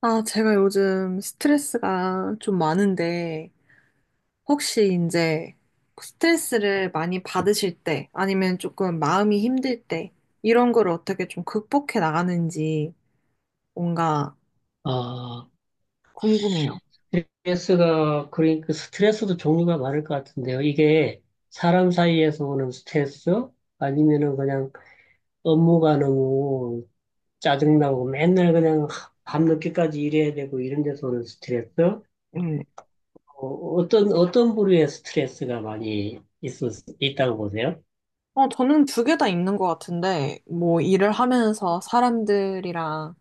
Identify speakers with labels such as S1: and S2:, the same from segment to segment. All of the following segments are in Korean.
S1: 아, 제가 요즘 스트레스가 좀 많은데, 혹시 이제 스트레스를 많이 받으실 때, 아니면 조금 마음이 힘들 때, 이런 걸 어떻게 좀 극복해 나가는지 뭔가
S2: 아,
S1: 궁금해요.
S2: 스트레스가, 그러니까 스트레스도 종류가 많을 것 같은데요. 이게 사람 사이에서 오는 스트레스? 아니면은 그냥 업무가 너무 짜증나고 맨날 그냥 밤늦게까지 일해야 되고 이런 데서 오는 스트레스?
S1: 음.
S2: 어, 어떤 부류의 스트레스가 많이 있다고 보세요?
S1: 어, 저는 두 개 다 있는 것 같은데, 뭐 일을 하면서 사람들이랑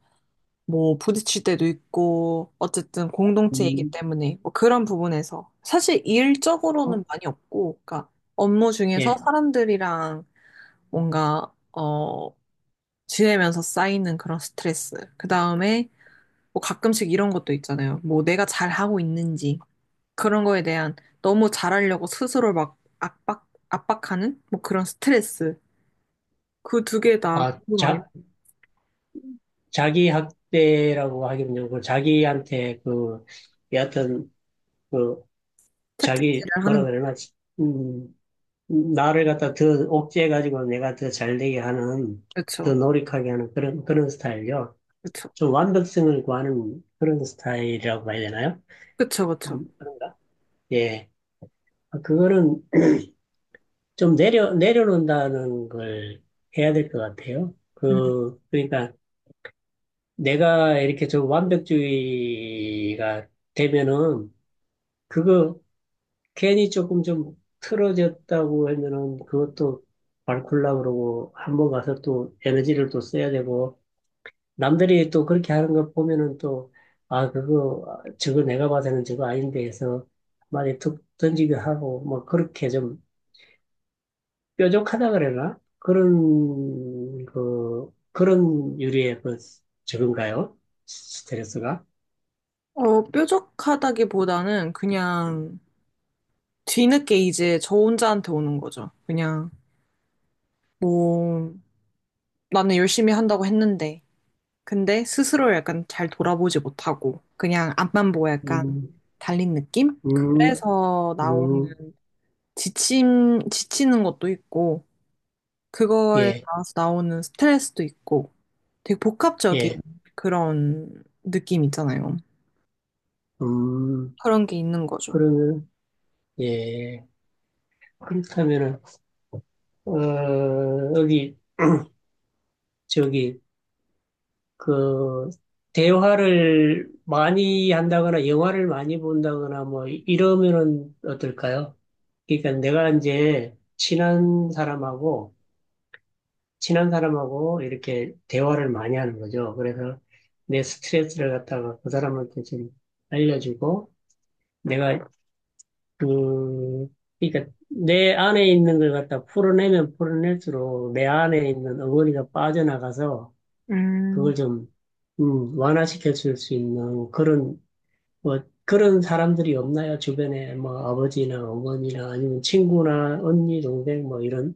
S1: 뭐 부딪힐 때도 있고, 어쨌든 공동체이기
S2: 음,
S1: 때문에, 뭐 그런 부분에서. 사실 일적으로는
S2: 어,
S1: 많이 없고, 그러니까 업무 중에서
S2: 예.
S1: 사람들이랑 뭔가, 지내면서 쌓이는 그런 스트레스. 그 다음에, 뭐 가끔씩 이런 것도 있잖아요. 뭐 내가 잘하고 있는지, 그런 거에 대한 너무 잘하려고 스스로 막 압박하는? 뭐 그런 스트레스. 그 두 개 다
S2: 아,
S1: 궁금하게
S2: 자기 학대라고 하기는 좀고 자기한테 그, 여하튼, 그, 자기
S1: 채찍질을 하는,
S2: 뭐라
S1: 거죠.
S2: 그러나 음, 나를 갖다 더 옥죄해가지고 내가 더 잘되게 하는
S1: 그쵸,
S2: 더 노력하게 하는 그런 스타일이요.
S1: 그쵸,
S2: 좀 완벽성을 구하는 그런 스타일이라고 봐야 되나요?
S1: 그쵸, 그쵸.
S2: 그런가? 예, 아, 그거는 좀 내려놓는다는 걸 해야 될 것 같아요.
S1: 음.
S2: 그러니까 내가 이렇게 좀 완벽주의가 되면은 그거 괜히 조금 좀 틀어졌다고 하면은 그것도 앓굴라 그러고 한번 가서 또 에너지를 또 써야 되고 남들이 또 그렇게 하는 거 보면은 또 아 그거 아, 저거 내가 봐서는 저거 아닌데 해서 많이 툭 던지기도 하고 뭐 그렇게 좀 뾰족하다 그래나 그런 그 그런 유리의 그 저건가요 스트레스가
S1: 뾰족하다기보다는 그냥 뒤늦게 이제 저 혼자한테 오는 거죠. 그냥, 뭐, 나는 열심히 한다고 했는데, 근데 스스로 약간 잘 돌아보지 못하고 그냥 앞만 보고 약간
S2: 음
S1: 달린 느낌?
S2: 음,
S1: 그래서 나오는
S2: 음,
S1: 지침, 지치는 것도 있고 그거에
S2: 예,
S1: 따라서 나오는 스트레스도 있고 되게 복합적인
S2: 예,
S1: 그런 느낌 있잖아요.
S2: 음,
S1: 그런 게 있는 거죠.
S2: 그러면, 예. 그렇다면은 어, 여기 저기 그 대화를 많이 한다거나 영화를 많이 본다거나 뭐 이러면은 어떨까요? 그러니까 내가 이제 친한 사람하고 이렇게 대화를 많이 하는 거죠. 그래서 내 스트레스를 갖다가 그 사람한테 좀 알려주고 내가 그 그러니까 내 안에 있는 걸 갖다 풀어내면 풀어낼수록 내 안에 있는 어머니가 빠져나가서
S1: 음,
S2: 그걸 좀, 완화시켜 줄 수 있는 그런, 뭐, 그런 사람들이 없나요? 주변에 뭐 아버지나 어머니나 아니면 친구나 언니, 동생 뭐 이런,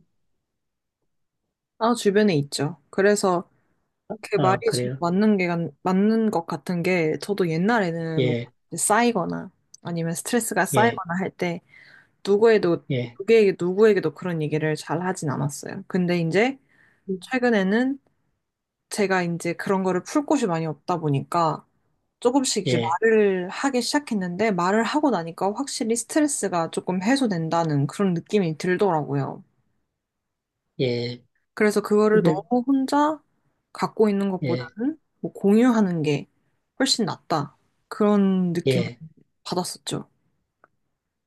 S1: 아, 주변에 있죠. 그래서
S2: 아, 그래요?
S1: 맞는 게, 맞는 것 같은 게 저도 옛날에는 뭐
S2: 예,
S1: 쌓이거나 아니면 스트레스가
S2: 예,
S1: 쌓이거나 할때 누구에도
S2: 예,
S1: 누구에게 누구에게도 그런 얘기를 잘 하진 않았어요. 근데 이제 최근에는 제가 이제 그런 거를 풀 곳이 많이 없다 보니까 조금씩 이제
S2: 예,
S1: 말을 하기 시작했는데 말을 하고 나니까 확실히 스트레스가 조금 해소된다는 그런 느낌이 들더라고요.
S2: 예,
S1: 그래서 그거를
S2: 그러니까,
S1: 너무 혼자 갖고 있는
S2: 예,
S1: 것보다는 뭐 공유하는 게 훨씬 낫다. 그런 느낌을
S2: 예,
S1: 받았었죠.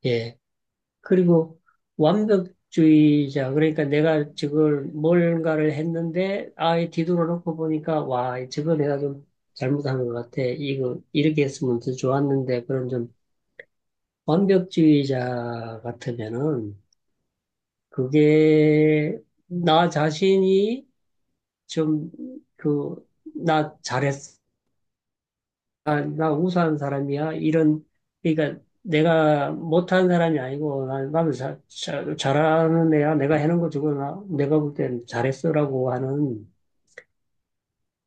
S2: 예. 그리고 완벽주의자, 그러니까 내가 저걸 뭔가를 했는데 아예 뒤돌아 놓고 보니까 와, 저거 내가 좀 잘못한 것 같아. 이거 이렇게 했으면 더 좋았는데 그런 좀 완벽주의자 같으면은 그게 나 자신이 좀 그 나 잘했어 나 우수한 사람이야 이런 그러니까 내가 못한 사람이 아니고 나는 잘하는 애야 내가 해놓은 거 주고 나 내가 볼 땐 잘했어라고 하는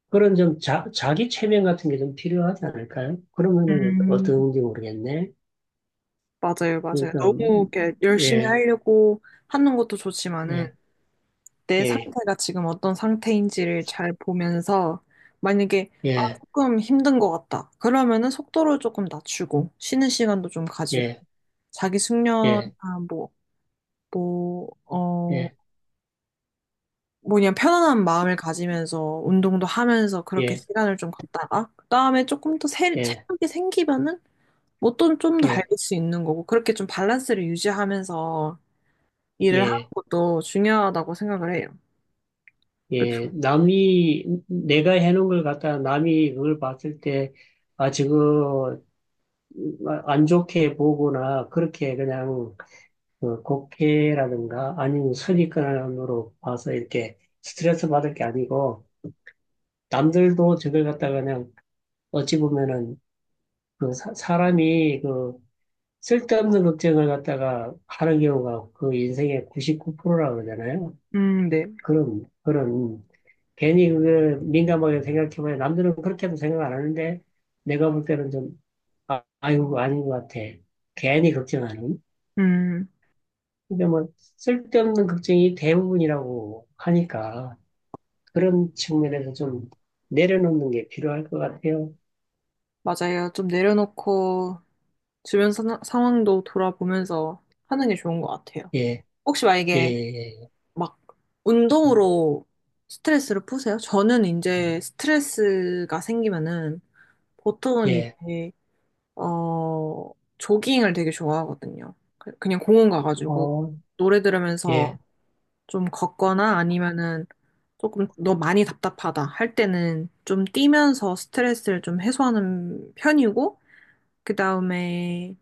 S2: 그런 좀 자기 체면 같은 게 좀 필요하지 않을까요? 그러면은
S1: 음.
S2: 어떤지 모르겠네.
S1: 맞아요, 맞아요.
S2: 그러니까
S1: 너무 이렇게 열심히
S2: 예
S1: 하려고 하는 것도 좋지만은
S2: 예,
S1: 내
S2: 예,
S1: 상태가 지금 어떤 상태인지를 잘 보면서 만약에 아,
S2: 예,
S1: 조금 힘든 것 같다. 그러면은 속도를 조금 낮추고 쉬는 시간도 좀 가지고
S2: 예,
S1: 자기 숙련
S2: 예.
S1: 아, 뭐, 뭐, 어,
S2: 예,
S1: 뭐냐 편안한 마음을 가지면서 운동도 하면서 그렇게
S2: 예,
S1: 시간을 좀 갖다가 그다음에
S2: 예,
S1: 체력이 생기면은 뭐또좀더
S2: 예,
S1: 달릴 수 있는 거고 그렇게 좀 밸런스를 유지하면서 일을 하는
S2: 예,
S1: 것도 중요하다고 생각을 해요. 그쵸?
S2: 예. 남이, 내가 해놓은 걸 갖다가 남이 그걸 봤을 때, 아, 지금 안 좋게 보거나, 그렇게 그냥, 그 곡해라든가, 아니면 선입견으로 봐서 이렇게 스트레스 받을 게 아니고, 남들도 저걸 갖다가 그냥, 어찌 보면은, 그 사람이 그, 쓸데없는 걱정을 갖다가 하는 경우가 그 인생의 99%라고 그러잖아요.
S1: 네.
S2: 그런 괜히 그게 민감하게 생각해봐야 남들은 그렇게도 생각 안 하는데 내가 볼 때는 좀 아, 아이고 아닌 것 같아. 괜히 걱정하는.
S1: 음,
S2: 근데 뭐 쓸데없는 걱정이 대부분이라고 하니까 그런 측면에서 좀 내려놓는 게 필요할 것 같아요.
S1: 맞아요. 좀 내려놓고 상황도 돌아보면서 하는 게 좋은 것 같아요.
S2: 예,
S1: 혹시
S2: 예,
S1: 만약에
S2: 예,
S1: 막 운동으로 스트레스를 푸세요? 저는 이제 스트레스가 생기면은
S2: 예,
S1: 보통은
S2: 예.
S1: 이제, 어, 조깅을 되게 좋아하거든요. 그냥 공원 가가지고
S2: 어,
S1: 노래 들으면서
S2: 예,
S1: 좀 걷거나 아니면은 조금 너 많이 답답하다 할 때는 좀 뛰면서 스트레스를 좀 해소하는 편이고, 그 다음에,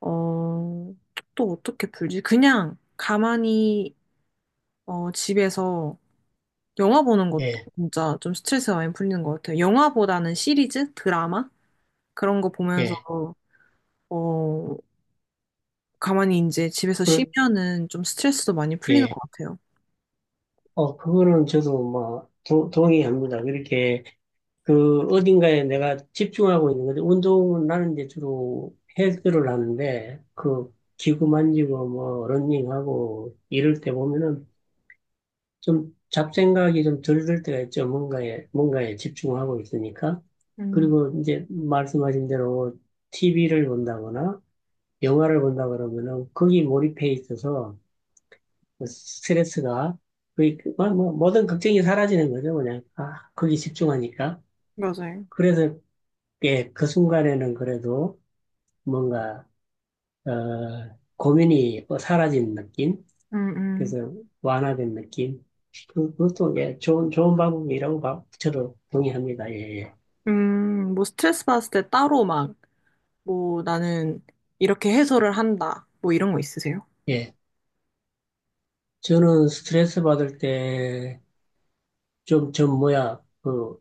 S1: 어, 또 어떻게 풀지? 그냥 가만히, 집에서 영화 보는 것도
S2: 예,
S1: 진짜 좀 스트레스가 많이 풀리는 것 같아요. 영화보다는 시리즈? 드라마? 그런 거 보면서,
S2: 예.
S1: 어, 가만히 이제 집에서
S2: 그렇,
S1: 쉬면은 좀 스트레스도 많이 풀리는
S2: 예.
S1: 것 같아요.
S2: 어, 그거는 저도 뭐 동의합니다. 그렇게 그 어딘가에 내가 집중하고 있는 건데 운동은 나는 이제 주로 헬스를 하는데 그 기구 만지고 뭐 러닝하고 이럴 때 보면은 좀 잡생각이 좀 덜 들 때가 있죠. 뭔가에 집중하고 있으니까.
S1: 음,
S2: 그리고 이제 말씀하신 대로 TV를 본다거나 영화를 본다 그러면은 거기 몰입해 있어서 그 스트레스가 거의 뭐, 모든 걱정이 사라지는 거죠. 그냥 아 거기 집중하니까.
S1: 맞아요.
S2: 그래서 예, 그 순간에는 그래도 뭔가, 어, 고민이 뭐 사라진 느낌?
S1: 음, 음.
S2: 그래서 완화된 느낌? 그, 그것도 예, 좋은 방법이라고 저도 동의합니다. 예, 예.
S1: 뭐 스트레스 받았을 때 따로 막, 뭐 나는 이렇게 해소를 한다. 뭐 이런 거 있으세요?
S2: 예. 저는 스트레스 받을 때 좀 뭐야, 그,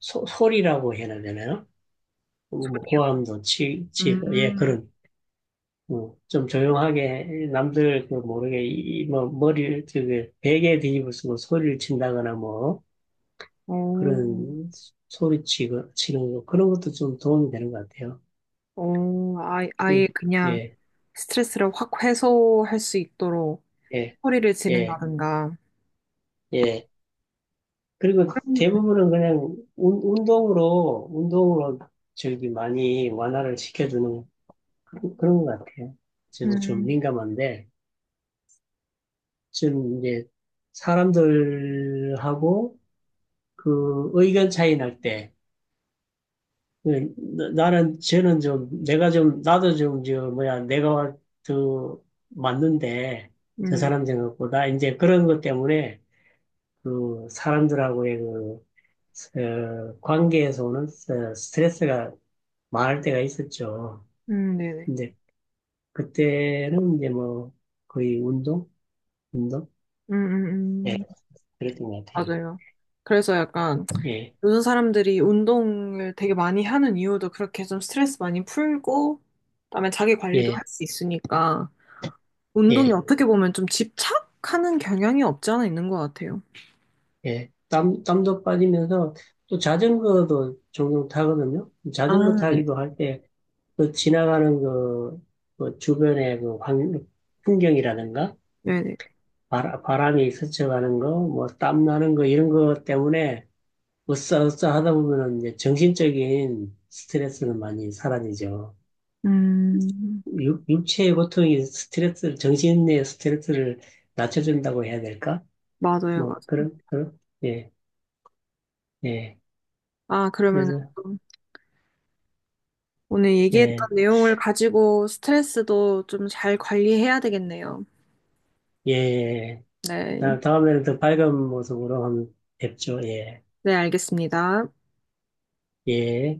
S2: 소리라고 해야 되나요? 뭐 뭐 고함도 치고, 예,
S1: 음,
S2: 그런, 어, 좀 조용하게, 남들 그 모르게, 이, 뭐, 머리를, 그, 베개 뒤집어 쓰고 소리를 친다거나 뭐,
S1: 오,
S2: 그런 소리 치고, 치는 거, 그런 것도 좀 도움이 되는 것 같아요.
S1: 오, 아, 아예
S2: 그,
S1: 그냥
S2: 예,
S1: 스트레스를 확 해소할 수 있도록
S2: 예,
S1: 소리를
S2: 예,
S1: 지른다든가.
S2: 예. 그리고
S1: 음,
S2: 대부분은 그냥 운동으로, 운동으로 저기 많이 완화를 시켜주는 그런 것 같아요. 저도 좀
S1: 음,
S2: 민감한데, 지금 이제 사람들하고 그 의견 차이 날 때, 네, 나는 쟤는 좀 내가 좀 나도 좀 저 뭐야 내가 더 맞는데 저
S1: 네.
S2: 사람 생각보다 이제 그런 것 때문에 그 사람들하고의 그 어, 관계에서 오는 스트레스가 많을 때가 있었죠.
S1: 네네.
S2: 근데 그때는 이제 뭐 거의 운동,
S1: 음,
S2: 예,
S1: 음, 음.
S2: 그랬던 것 같아요.
S1: 맞아요. 그래서 약간
S2: 예,
S1: 요즘 사람들이 운동을 되게 많이 하는 이유도 그렇게 좀 스트레스 많이 풀고, 그다음에 자기 관리도 할
S2: 예,
S1: 수 있으니까 운동이
S2: 예.
S1: 어떻게 보면 좀 집착하는 경향이 없지 않아 있는 것 같아요.
S2: 예, 땀도 빠지면서 또 자전거도 종종 타거든요. 자전거
S1: 아, 네.
S2: 타기도 할 때 그 지나가는 그, 그 주변의 그 환, 풍경이라든가
S1: 네네.
S2: 바람이 스쳐가는 거, 뭐 땀 나는 거 이런 거 때문에 으쌰으쌰 하다 보면은 이제 정신적인 스트레스는 많이 사라지죠.
S1: 음,
S2: 육체의 고통이 스트레스를, 정신의 스트레스를 낮춰준다고 해야 될까?
S1: 맞아요,
S2: 뭐
S1: 맞아요.
S2: 그런, 예, 예.
S1: 아, 그러면은
S2: 그래서,
S1: 좀 오늘 얘기했던
S2: 예.
S1: 내용을 가지고 스트레스도 좀 잘 관리해야 되겠네요.
S2: 예. 예.
S1: 네.
S2: 다음에는 더 밝은 모습으로 한번 뵙죠. 예.
S1: 네, 알겠습니다.
S2: 예.